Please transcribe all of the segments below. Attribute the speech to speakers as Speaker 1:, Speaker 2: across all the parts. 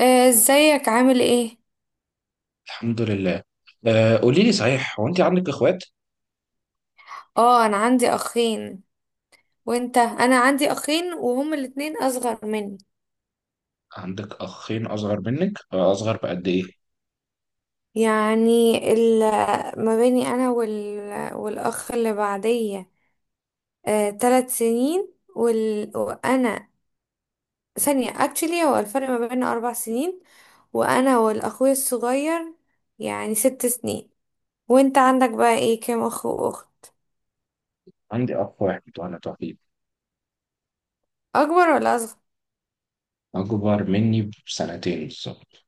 Speaker 1: ازيك عامل ايه؟
Speaker 2: الحمد لله. آه قولي لي، صحيح هو انت عندك اخوات؟
Speaker 1: اه، انا عندي اخين. وانت؟ انا عندي اخين وهم الاتنين اصغر مني.
Speaker 2: عندك اخين اصغر منك، اصغر بقد ايه؟
Speaker 1: يعني ما بيني انا والاخ اللي بعدية 3 سنين وانا ثانية اكشلي، هو الفرق ما بيننا 4 سنين. وانا والاخوي الصغير يعني 6 سنين. وانت عندك بقى ايه، كام اخ واخت؟
Speaker 2: عندي اخ واحد وانا توحيد.
Speaker 1: اكبر ولا اصغر؟
Speaker 2: اكبر مني بسنتين بالظبط.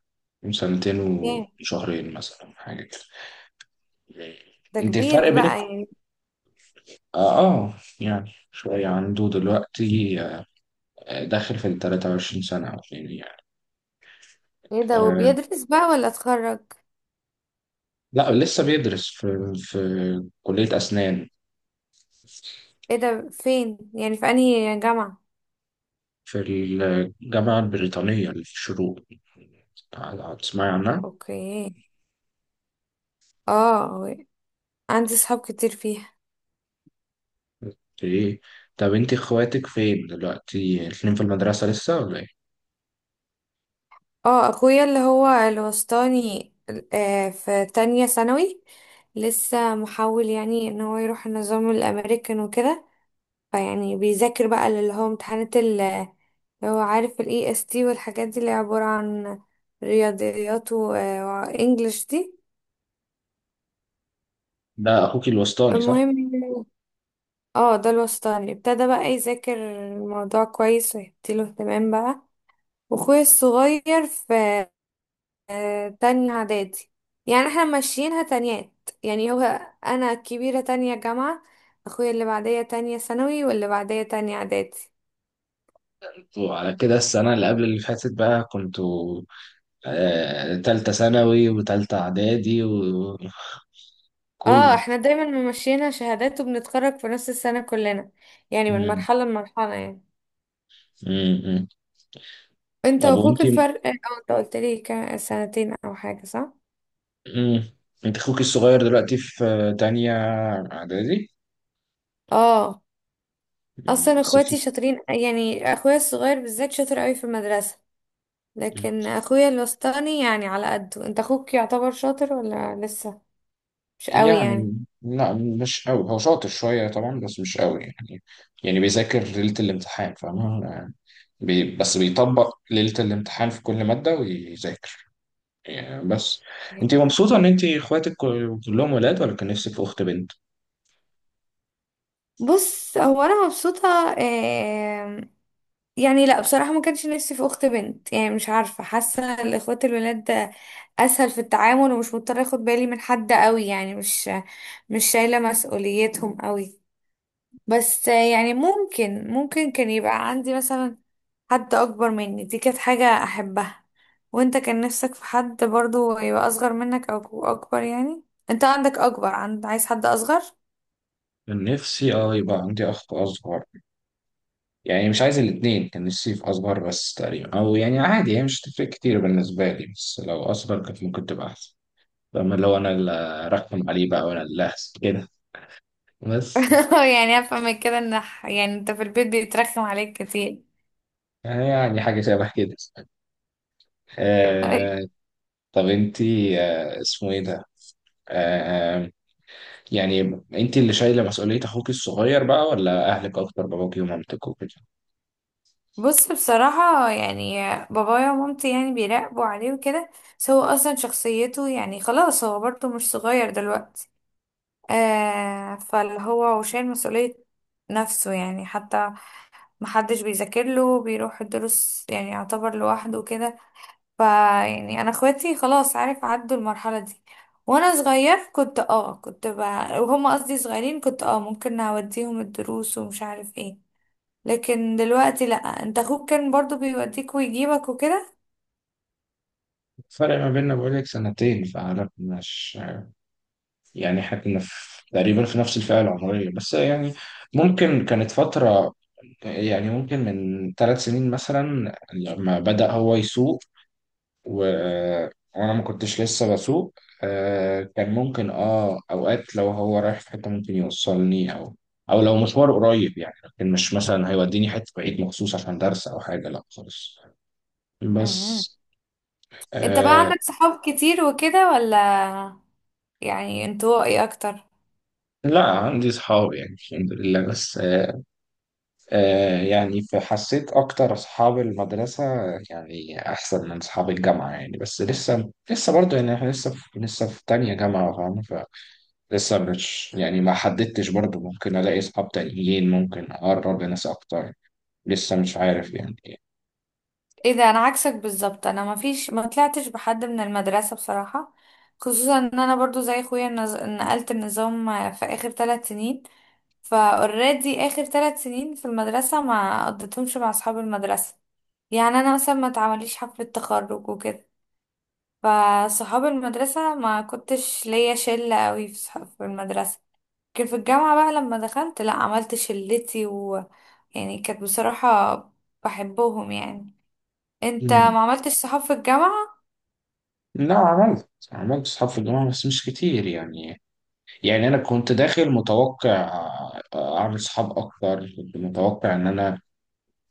Speaker 2: سنتين
Speaker 1: ايه
Speaker 2: وشهرين مثلا حاجه كده.
Speaker 1: ده،
Speaker 2: انت الفرق
Speaker 1: كبير
Speaker 2: بينك.
Speaker 1: بقى يعني.
Speaker 2: اه, آه يعني شويه عنده دلوقتي، داخل في ال 23 سنه او اتنين يعني.
Speaker 1: ايه ده،
Speaker 2: آه
Speaker 1: وبيدرس بقى ولا اتخرج؟
Speaker 2: لا، لسه بيدرس في كليه اسنان.
Speaker 1: ايه ده، فين يعني، في انهي جامعة؟
Speaker 2: في الجامعة البريطانية اللي في الشروق. تسمعي عنها؟
Speaker 1: اوكي. اه، عندي صحاب كتير فيها.
Speaker 2: ايه. طب انت اخواتك فين دلوقتي؟ الاتنين في المدرسة لسه ولا ايه؟
Speaker 1: اه، اخويا اللي هو الوسطاني في تانية ثانوي. لسه محاول يعني ان هو يروح النظام الامريكان وكده. فيعني بيذاكر بقى اللي هو امتحانات اللي هو عارف الاي اس تي والحاجات دي، اللي عبارة عن رياضيات و- وانجلش دي.
Speaker 2: ده اخوك الوسطاني، صح؟
Speaker 1: المهم يعني، اه، ده الوسطاني ابتدى بقى يذاكر الموضوع كويس ويديله اهتمام بقى. واخويا الصغير في تانية اعدادي. يعني احنا ماشيينها تانيات يعني هو. انا الكبيرة تانية جامعة، اخويا اللي بعدية تانية ثانوي واللي بعدية تانية اعدادي.
Speaker 2: وعلى كده السنة اللي قبل اللي فاتت بقى كنتوا تالتة ثانوي وتالتة إعدادي وكله؟
Speaker 1: اه، احنا دايما ماشيينها شهادات وبنتخرج في نفس السنة كلنا، يعني من
Speaker 2: مم.
Speaker 1: مرحلة لمرحلة يعني.
Speaker 2: مم. مم.
Speaker 1: انت
Speaker 2: طب وانت.
Speaker 1: واخوك الفرق اه، انت قلت لي كان سنتين او حاجة صح؟
Speaker 2: مم. انت اخوك الصغير دلوقتي في تانية إعدادي؟
Speaker 1: اه. اصلا
Speaker 2: مم. صفر.
Speaker 1: اخواتي شاطرين، يعني اخويا الصغير بالذات شاطر قوي في المدرسة. لكن اخويا الوسطاني يعني على قده، انت اخوك يعتبر شاطر ولا لسه مش قوي يعني؟
Speaker 2: يعني لا، مش قوي. هو شاطر شوية طبعا بس مش قوي يعني. يعني بيذاكر ليلة الامتحان، فاهم يعني. بس بيطبق ليلة الامتحان في كل مادة ويذاكر يعني بس. انت مبسوطة ان انت اخواتك كلهم ولاد ولا كان نفسك في اخت بنت؟
Speaker 1: بص، هو انا مبسوطه. آم، يعني لا، بصراحه ما كانش نفسي في اخت بنت. يعني مش عارفه، حاسه الاخوات الولاد ده اسهل في التعامل، ومش مضطره اخد بالي من حد قوي، يعني مش شايله مسؤوليتهم قوي. بس يعني ممكن كان يبقى عندي مثلا حد اكبر مني، دي كانت حاجة احبها. وانت كان نفسك في حد برضو يبقى اصغر منك او اكبر يعني؟ انت عندك اكبر، عايز حد اصغر؟
Speaker 2: كان نفسي يبقى عندي اخت اصغر. يعني مش عايز الاتنين، كان نفسي في اصغر بس تقريبا، او يعني عادي هي مش تفرق كتير بالنسبة لي بس لو اصغر كانت ممكن تبقى احسن. فاما لو انا اللي ارخم عليه بقى وانا اللي أحسن كده. بس
Speaker 1: يعني افهم من كده ان يعني انت في البيت بيترخم عليك كتير.
Speaker 2: يعني حاجة شبه كده. آه. طب انتي، اسمه ايه ده. آه يعني انتي اللي شايلة مسؤولية اخوك الصغير بقى ولا اهلك اكتر، باباكي ومامتك وكده؟
Speaker 1: بص، بصراحة يعني، بابايا ومامتي يعني بيراقبوا عليه وكده، بس هو اصلا شخصيته يعني خلاص، هو برضو مش صغير دلوقتي. آه، فاللي هو شايل مسؤولية نفسه يعني. حتى محدش بيذاكر له، بيروح الدروس يعني، يعتبر لوحده كده. ف يعني انا اخواتي خلاص عارف عدوا المرحله دي. وانا صغير كنت وهم قصدي صغيرين، كنت اه، ممكن اوديهم الدروس ومش عارف ايه. لكن دلوقتي لا، انت اخوك كان برضو بيوديك ويجيبك وكده.
Speaker 2: الفرق ما بيننا بقولك سنتين فعلا، مش يعني احنا كنا في تقريبا في نفس الفئة العمرية بس يعني، ممكن كانت فترة، يعني ممكن من 3 سنين مثلا لما بدأ هو يسوق و- وانا ما كنتش لسه بسوق. كان ممكن اوقات لو هو رايح في حته ممكن يوصلني، او لو مشوار قريب يعني، لكن مش مثلا هيوديني حته بعيد مخصوص عشان درس او حاجه، لا خالص.
Speaker 1: امم،
Speaker 2: بس
Speaker 1: انت بقى
Speaker 2: آه
Speaker 1: عندك صحاب كتير وكده، ولا يعني انطوائي اكتر؟
Speaker 2: لا، عندي اصحاب يعني الحمد لله. بس يعني فحسيت اكتر اصحاب المدرسه يعني احسن من اصحاب الجامعه يعني. بس لسه برضه يعني احنا لسه في تانية جامعه فاهم. لسه مش يعني، ما حددتش برضو، ممكن الاقي اصحاب تانيين ممكن اقرب لناس اكتر. لسه مش عارف يعني.
Speaker 1: ايه ده، انا عكسك بالظبط. انا ما طلعتش بحد من المدرسه بصراحه، خصوصا ان انا برضو زي اخويا نقلت النظام في اخر 3 سنين. فاوريدي اخر 3 سنين في المدرسه ما قضيتهمش مع اصحاب المدرسه. يعني انا مثلا ما اتعمليش حفله تخرج وكده. فصحاب المدرسه ما كنتش ليا شله قوي في صحاب في المدرسه. لكن في الجامعه بقى لما دخلت، لا عملت شلتي، ويعني كانت بصراحه بحبهم يعني. انت
Speaker 2: مم.
Speaker 1: ما عملتش صحاب في الجامعه؟
Speaker 2: لا، عملت اصحاب في الجامعة بس مش كتير يعني. يعني انا كنت داخل متوقع اعمل اصحاب اكتر، كنت متوقع ان انا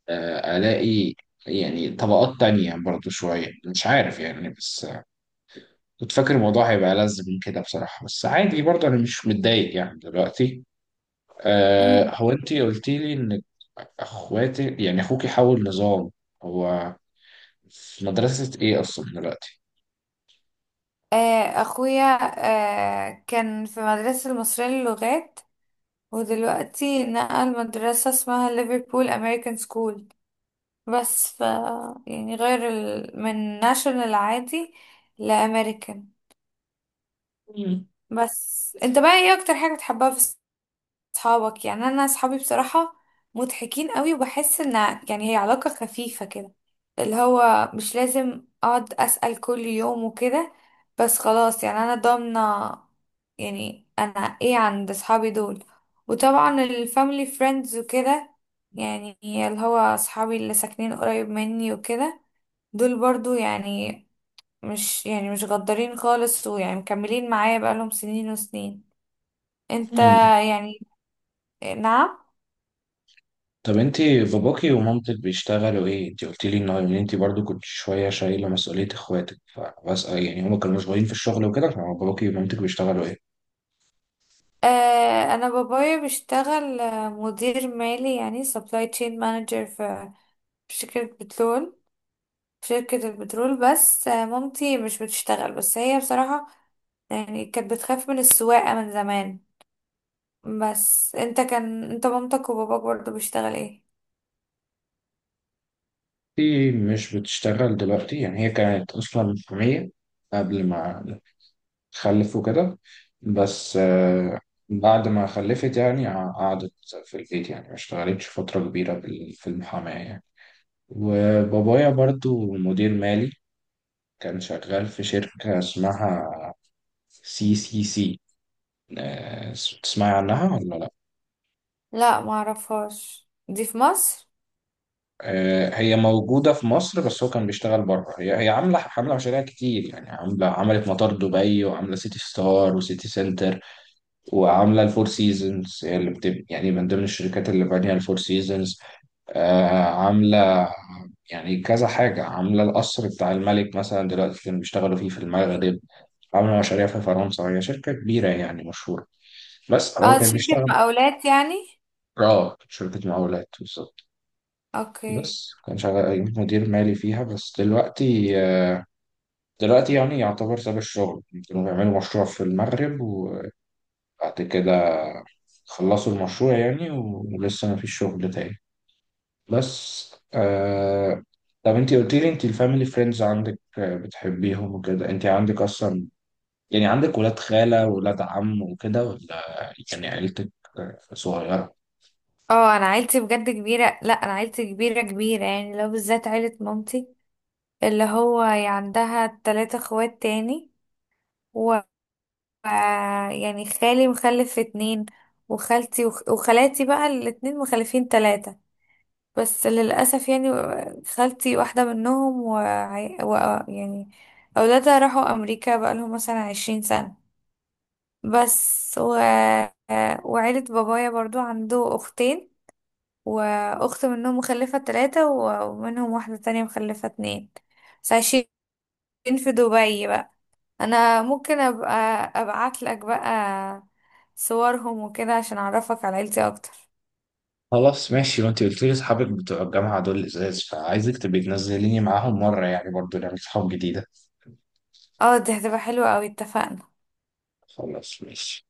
Speaker 2: الاقي يعني طبقات تانية برضو شوية، مش عارف يعني. بس كنت فاكر الموضوع هيبقى ألذ من كده بصراحة، بس عادي برضو أنا مش متضايق يعني دلوقتي.
Speaker 1: مم.
Speaker 2: هو انت قلتي لي ان اخواتك يعني اخوكي حول نظام، هو في مدرسة ايه اصلا دلوقتي؟
Speaker 1: آه، اخويا كان في مدرسة المصرية للغات، ودلوقتي نقل مدرسة اسمها ليفربول امريكان سكول. بس ف يعني غير من ناشونال عادي لامريكان.
Speaker 2: مم.
Speaker 1: بس انت بقى ايه اكتر حاجة بتحبها في صحابك؟ يعني انا صحابي بصراحة مضحكين قوي، وبحس ان يعني هي علاقة خفيفة كده، اللي هو مش لازم اقعد اسأل كل يوم وكده، بس خلاص، يعني انا ضامنة يعني انا ايه عند صحابي دول. وطبعا الفاميلي فريندز وكده، يعني اللي هو صحابي اللي ساكنين قريب مني وكده، دول برضو يعني مش يعني مش غدارين خالص، ويعني مكملين معايا بقالهم سنين وسنين. انت،
Speaker 2: مم.
Speaker 1: يعني، نعم؟
Speaker 2: طب انت باباكي ومامتك بيشتغلوا ايه؟ انت قلتي لي ان ان انت برضو كنت شوية شايلة مسؤولية اخواتك، فبسأل يعني هما كانوا مشغولين في الشغل وكده، فباباكي ومامتك بيشتغلوا ايه؟
Speaker 1: انا بابايا بيشتغل مدير مالي، يعني سبلاي تشين مانجر في شركة بترول، في شركة البترول. بس مامتي مش بتشتغل، بس هي بصراحة يعني كانت بتخاف من السواقة من زمان. بس انت كان انت مامتك وباباك برضه بيشتغل ايه؟
Speaker 2: انت مش بتشتغل دلوقتي يعني، هي كانت اصلا محامية قبل ما خلف وكده. بس بعد ما خلفت يعني قعدت في البيت يعني، ما اشتغلتش فترة كبيرة في المحاماة يعني. وبابايا برضو مدير مالي، كان شغال في شركة اسمها CCC. تسمعي عنها ولا لا؟
Speaker 1: لا، ما اعرفهاش دي في مصر.
Speaker 2: هي موجودة في مصر بس هو كان بيشتغل بره. هي عاملة مشاريع كتير يعني، عاملة عملت مطار دبي وعاملة سيتي ستار وسيتي سنتر وعامله الفور سيزونز. هي اللي يعني من ضمن الشركات اللي بانيه الفور سيزونز. عامله يعني كذا حاجه، عامله القصر بتاع الملك مثلا. دلوقتي كانوا بيشتغلوا فيه في المغرب، عامله مشاريع في فرنسا. هي شركه كبيره يعني مشهوره. بس
Speaker 1: اه
Speaker 2: هو
Speaker 1: دي
Speaker 2: كان
Speaker 1: شركة
Speaker 2: بيشتغل.
Speaker 1: مقاولات يعني.
Speaker 2: اه، شركه مقاولات بالظبط.
Speaker 1: اوكي.
Speaker 2: بس كان شغال مدير مالي فيها. بس دلوقتي دلوقتي يعني يعتبر ساب الشغل. كانوا بيعملوا مشروع في المغرب وبعد كده خلصوا المشروع يعني، ولسه ما فيش شغل تاني. بس. طب انت قلت لي انت الفاميلي فريندز عندك، بتحبيهم وكده. انت عندك اصلا يعني عندك ولاد خالة ولاد عم وكده ولا يعني عيلتك صغيرة؟
Speaker 1: اه، انا عيلتي بجد كبيرة. لا، انا عيلتي كبيرة كبيرة، يعني لو بالذات عيلة مامتي اللي هو هي عندها 3 اخوات تاني. و يعني خالي مخلف اتنين، وخالتي وخالاتي بقى الاتنين مخلفين تلاتة. بس للأسف يعني خالتي واحدة منهم و... يعني أولادها راحوا أمريكا بقالهم مثلا 20 سنة بس. وعيلة بابايا برضو عنده أختين، وأخت منهم مخلفة تلاتة ومنهم واحدة تانية مخلفة اتنين، بس عايشين في دبي بقى. انا ممكن ابقى ابعت لك بقى صورهم وكده عشان اعرفك على عيلتي اكتر.
Speaker 2: خلاص ماشي. وانت قلت لي اصحابك بتوع الجامعة دول ازاز، فعايزك تبقي تنزليني معاهم مرة يعني برضو نعمل صحاب جديدة.
Speaker 1: اه دي هتبقى حلوة اوي، اتفقنا.
Speaker 2: خلاص ماشي.